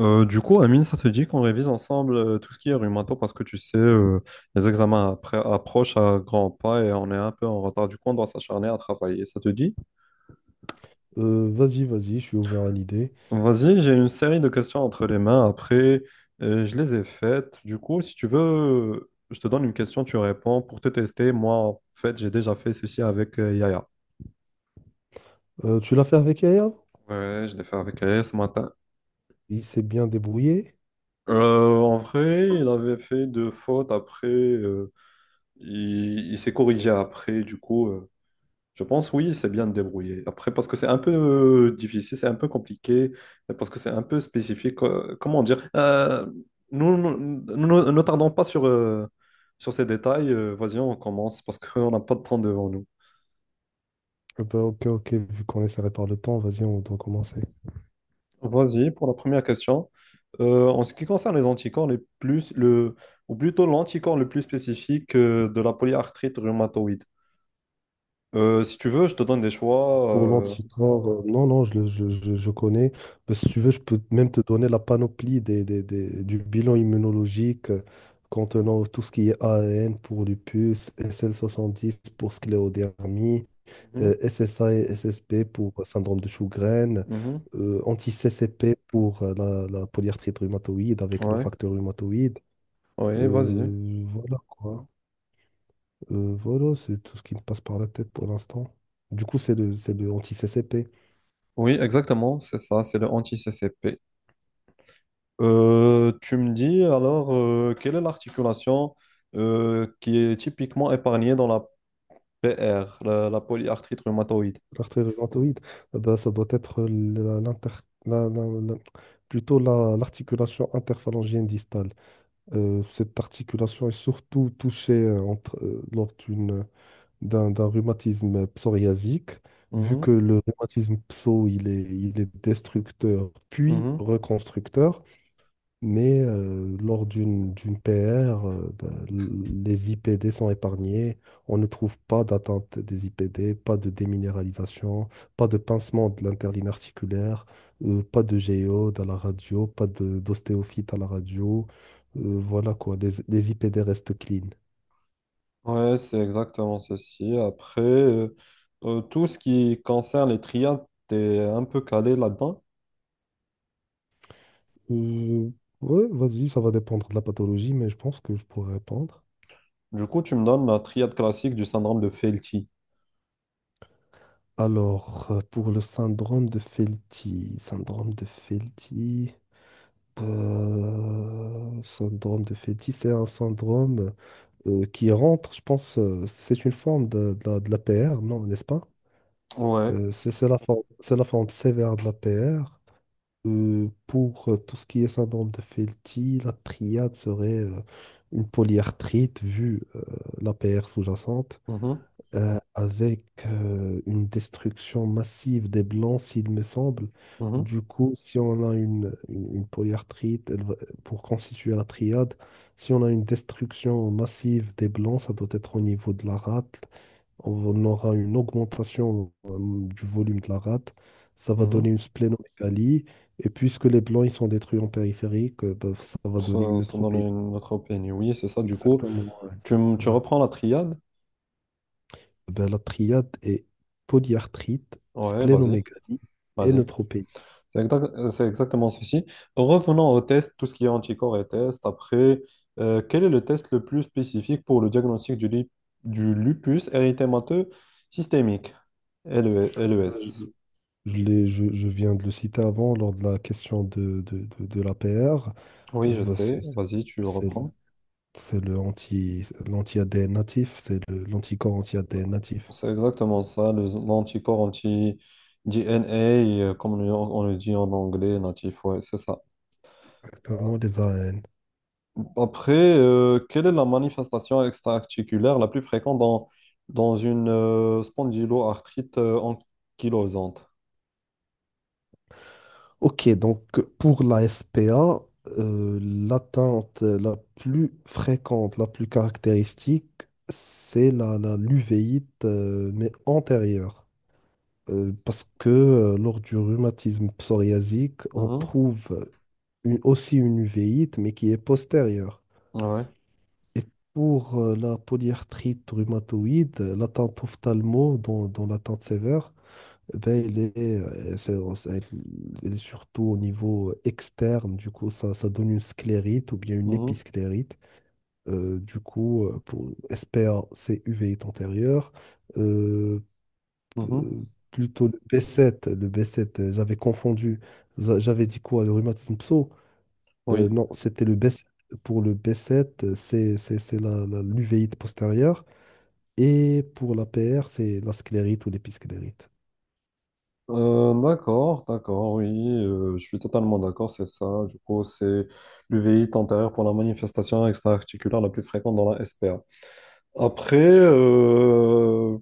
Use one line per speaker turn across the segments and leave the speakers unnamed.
Du coup, Amine, ça te dit qu'on révise ensemble tout ce qui est rhumato parce que tu sais, les examens après approchent à grands pas et on est un peu en retard. Du coup, on doit s'acharner à travailler. Ça te dit?
Vas-y, je suis ouvert à l'idée.
Vas-y, j'ai une série de questions entre les mains. Après, je les ai faites. Du coup, si tu veux, je te donne une question, tu réponds pour te tester. Moi, en fait, j'ai déjà fait ceci avec Yaya.
Tu l'as fait avec Yaya?
Ouais, je l'ai fait avec Yaya ce matin.
Il s'est bien débrouillé.
En vrai, il avait fait deux fautes. Après, il s'est corrigé après. Du coup. Je pense oui, c'est bien de débrouiller. Après, parce que c'est un peu difficile, c'est un peu compliqué, parce que c'est un peu spécifique. Comment dire? Nous, nous, nous ne tardons pas sur, sur ces détails. Vas-y, on commence parce qu'on n'a pas de temps devant nous.
Eh ben, ok, vu qu'on est serré par le temps, vas-y, on doit commencer.
Vas-y, pour la première question. En ce qui concerne les anticorps les plus, le, ou plutôt l'anticorps le plus spécifique de la polyarthrite rhumatoïde. Si tu veux, je te donne des choix.
Pour l'anticorps, non, je, le- je connais. Ben, si tu veux, je peux même te donner la panoplie du bilan immunologique contenant tout ce qui est AN pour lupus, SL70 pour scléodermie,
Mhm,
SSA et SSP pour syndrome de Sjögren,
mhm,
anti-CCP pour la polyarthrite rhumatoïde avec le
ouais,
facteur rhumatoïde.
ouais, vas-y.
Voilà quoi. Voilà, c'est tout ce qui me passe par la tête pour l'instant. Du coup, c'est le anti-CCP.
Oui, exactement, c'est ça, c'est le anti-CCP. Tu me dis alors, quelle est l'articulation qui est typiquement épargnée dans la PR, la polyarthrite rhumatoïde?
L'arthrite rhumatoïde, eh ben, ça doit être l'articulation interphalangienne distale. Cette articulation est surtout touchée lors d'un rhumatisme psoriasique, vu
Mhm,
que le rhumatisme pso, il est destructeur puis
mhm.
reconstructeur, mais lors d'une PR, les IPD sont épargnés, on ne trouve pas d'atteinte des IPD, pas de déminéralisation, pas de pincement de l'interligne articulaire, pas de géode à la radio, pas de d'ostéophyte à la radio. Voilà quoi, les IPD restent clean.
Ouais, c'est exactement ceci. Après, tout ce qui concerne les triades, t'es un peu calé là-dedans.
Euh, ouais, vas-y, ça va dépendre de la pathologie, mais je pense que je pourrais répondre.
Du coup, tu me donnes la triade classique du syndrome de Felty.
Alors, pour le syndrome de Felty, syndrome de Felty, syndrome de Felty, c'est un syndrome qui rentre, je pense, c'est une forme de l'APR, non, n'est-ce pas?
Ouais.
C'est la forme sévère de l'APR. Pour tout ce qui est syndrome de Felty, la triade serait une polyarthrite, vu l'APR sous-jacente,
Mhm,
avec une destruction massive des blancs, s'il me semble.
mhm,
Du coup, si on a une polyarthrite, pour constituer la triade, si on a une destruction massive des blancs, ça doit être au niveau de la rate. On aura une augmentation du volume de la rate. Ça va
mhm.
donner une splénomégalie. Et puisque les blancs ils sont détruits en périphérique, ça va donner une
Ça donne
neutropénie.
une autre opinion. Oui, c'est ça. Du coup,
Exactement. Ouais,
tu
exactement.
reprends la triade.
Ben, la triade est polyarthrite,
Ouais, vas-y,
splénomégalie et
vas-y.
neutropénie.
C'est exactement ceci. Revenons au test, tout ce qui est anticorps et test. Après, quel est le test le plus spécifique pour le diagnostic du lupus érythémateux systémique, LE
Ben,
LES?
Je viens de le citer avant lors de la question de l'APR.
Oui,
Euh,
je
ben, c'est
sais. Vas-y, tu le
c'est-
reprends.
c'est le l'anti-ADN natif, c'est l'anticorps anti-ADN natif.
C'est exactement ça, l'anticorps anti-DNA, comme on le dit en anglais, natif. Ouais, c'est ça.
Exactement, les AN.
Après, quelle est la manifestation extra-articulaire la plus fréquente dans une spondyloarthrite ankylosante?
Ok, donc pour la SPA, l'atteinte la plus fréquente, la plus caractéristique, c'est la, la l'uvéite, mais antérieure. Parce que lors du rhumatisme psoriasique, on
Mhm.
trouve aussi une uvéite, mais qui est postérieure.
Ouais.
Et pour la polyarthrite rhumatoïde, l'attente ophtalmo, dont l'attente sévère, eh ben, elle est, euh, c'est- c'est- elle est surtout au niveau externe, du coup, ça donne une sclérite ou bien une
Mhm.
épisclérite. Pour SPA, c'est uvéite antérieure,
Mhm.
euh, plutôt le b sept. Le b sept, j'avais confondu. J'avais dit quoi, le rhumatisme pso?
Oui.
Non, c'était le B7. Pour le b sept, c'est l'uvéite postérieure. Et pour la PR, c'est la sclérite ou l'épisclérite.
D'accord, d'accord, oui, je suis totalement d'accord, c'est ça. Du coup, c'est l'UVI antérieure pour la manifestation extra-articulaire la plus fréquente dans la SPA. Après,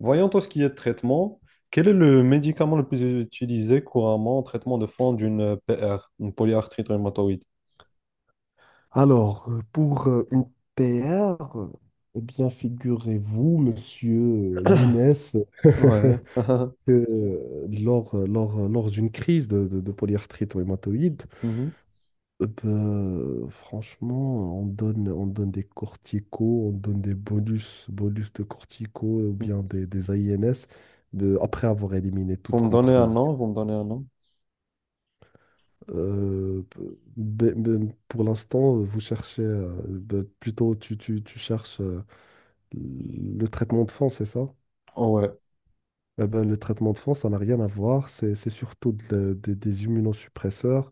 voyons tout ce qui est traitement. Quel est le médicament le plus utilisé couramment en traitement de fond d'une PR, une polyarthrite rhumatoïde?
Alors, pour une PR, eh bien, figurez-vous, monsieur Younes,
Ouais.
que lors d'une crise de polyarthrite rhumatoïde,
Mhm.
franchement, on donne des corticos, on donne des bonus, bonus de corticos ou bien des INS après avoir éliminé
Vous
toute
me donnez un nom,
contre-indication.
vous me donnez un nom.
Euh, pour l'instant, vous cherchez, tu cherches le traitement de fond, c'est ça?
Oh, ouais,
Eh ben, le traitement de fond, ça n'a rien à voir, c'est surtout des immunosuppresseurs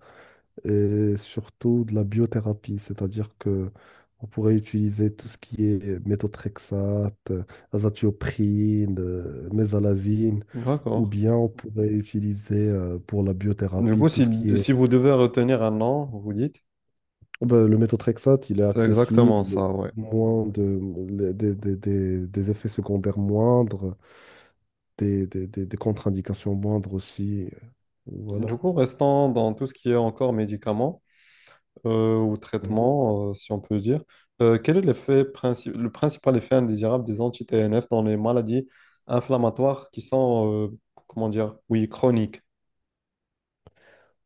et surtout de la biothérapie, c'est-à-dire que on pourrait utiliser tout ce qui est méthotrexate, azathioprine, mésalazine, ou
d'accord.
bien on pourrait utiliser pour la
Du
biothérapie
coup,
tout
si,
ce qui est...
si vous devez retenir un nom, vous dites,
Oh ben, le méthotrexate, il est
c'est exactement
accessible,
ça, ouais.
moins de, le- des effets secondaires moindres, des contre-indications moindres aussi.
Du
Voilà.
coup, restant dans tout ce qui est encore médicaments ou traitements, si on peut dire, quel est l'effet le principal effet indésirable des anti-TNF dans les maladies inflammatoires qui sont, comment dire, oui, chroniques?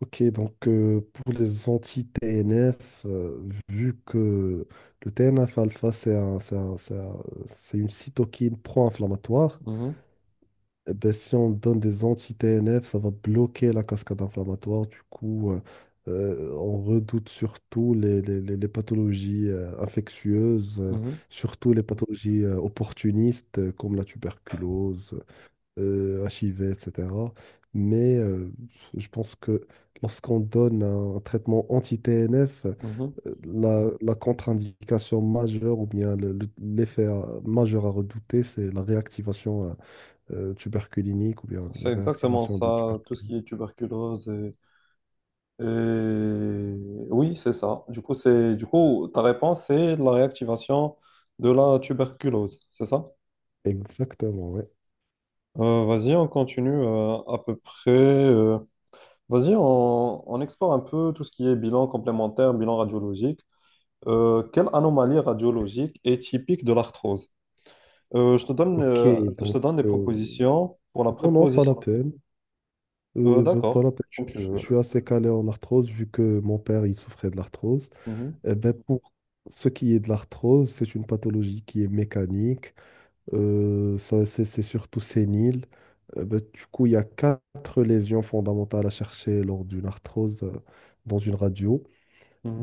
Ok, donc pour les anti-TNF, vu que le TNF-alpha, c'est une cytokine pro-inflammatoire,
Mhm,
eh ben, si on donne des anti-TNF, ça va bloquer la cascade inflammatoire. Du coup, on redoute surtout les pathologies infectieuses,
mhm,
surtout les pathologies opportunistes comme la tuberculose, archivés, etc. Mais je pense que lorsqu'on donne un traitement anti-TNF,
mhm.
la contre-indication majeure ou bien l'effet majeur à redouter, c'est la réactivation tuberculinique ou bien
C'est
la
exactement
réactivation de
ça, tout ce
tuberculose.
qui est tuberculose. Et- Oui, c'est ça. Du coup, c'est, du coup, ta réponse, c'est la réactivation de la tuberculose, c'est ça?
Exactement, ouais.
Vas-y, on continue à peu près. Vas-y, on explore un peu tout ce qui est bilan complémentaire, bilan radiologique. Quelle anomalie radiologique est typique de l'arthrose?
Ok,
Je te
donc
donne des propositions pour la
non, pas la
préposition.
peine. Pas
D'accord,
la peine.
comme tu
Je
veux.
suis assez calé en arthrose vu que mon père, il souffrait de l'arthrose.
Mhm,
Eh ben, pour ce qui est de l'arthrose, c'est une pathologie qui est mécanique. Ça, c'est surtout sénile. Du coup, il y a quatre lésions fondamentales à chercher lors d'une arthrose dans une radio.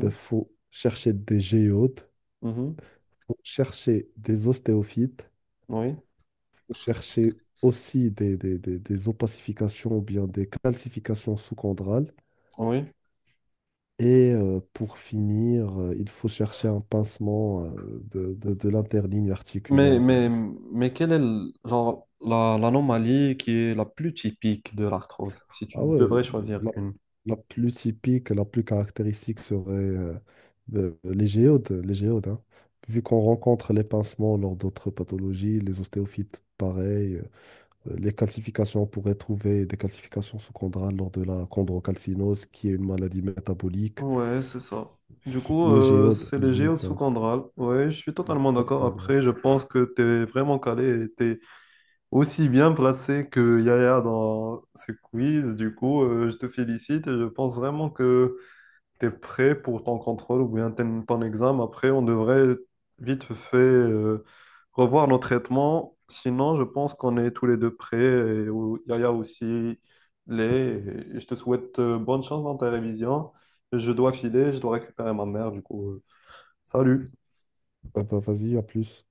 Il faut chercher des géodes,
mhm.
faut chercher des ostéophytes,
Oui,
faut chercher aussi des opacifications ou bien des calcifications sous-chondrales.
oui.
Et pour finir, il faut chercher un pincement de l'interligne
Mais,
articulaire.
mais, mais quelle est genre, l'anomalie qui est la plus typique de l'arthrose, si tu
Ah ouais,
devrais choisir
la,
une.
la plus typique, la plus caractéristique serait les géodes, hein. Vu qu'on rencontre les pincements lors d'autres pathologies, les ostéophytes, pareil, les calcifications, on pourrait trouver des calcifications sous-chondrales lors de la chondrocalcinose, qui est une maladie métabolique.
Ouais, c'est ça. Du coup, c'est
Les
le géo
géodes, hein, c'est
sous-condral. Ouais, je suis totalement d'accord.
exactement.
Après, je pense que tu es vraiment calé et tu es aussi bien placé que Yaya dans ce quiz. Du coup, je te félicite et je pense vraiment que t'es prêt pour ton contrôle ou bien ton examen. Après, on devrait vite fait revoir nos traitements. Sinon, je pense qu'on est tous les deux prêts. Et Yaya aussi les. Je te souhaite bonne chance dans ta révision. Je dois filer, je dois récupérer ma mère, du coup. Salut!
Ah bah, vas-y, à plus.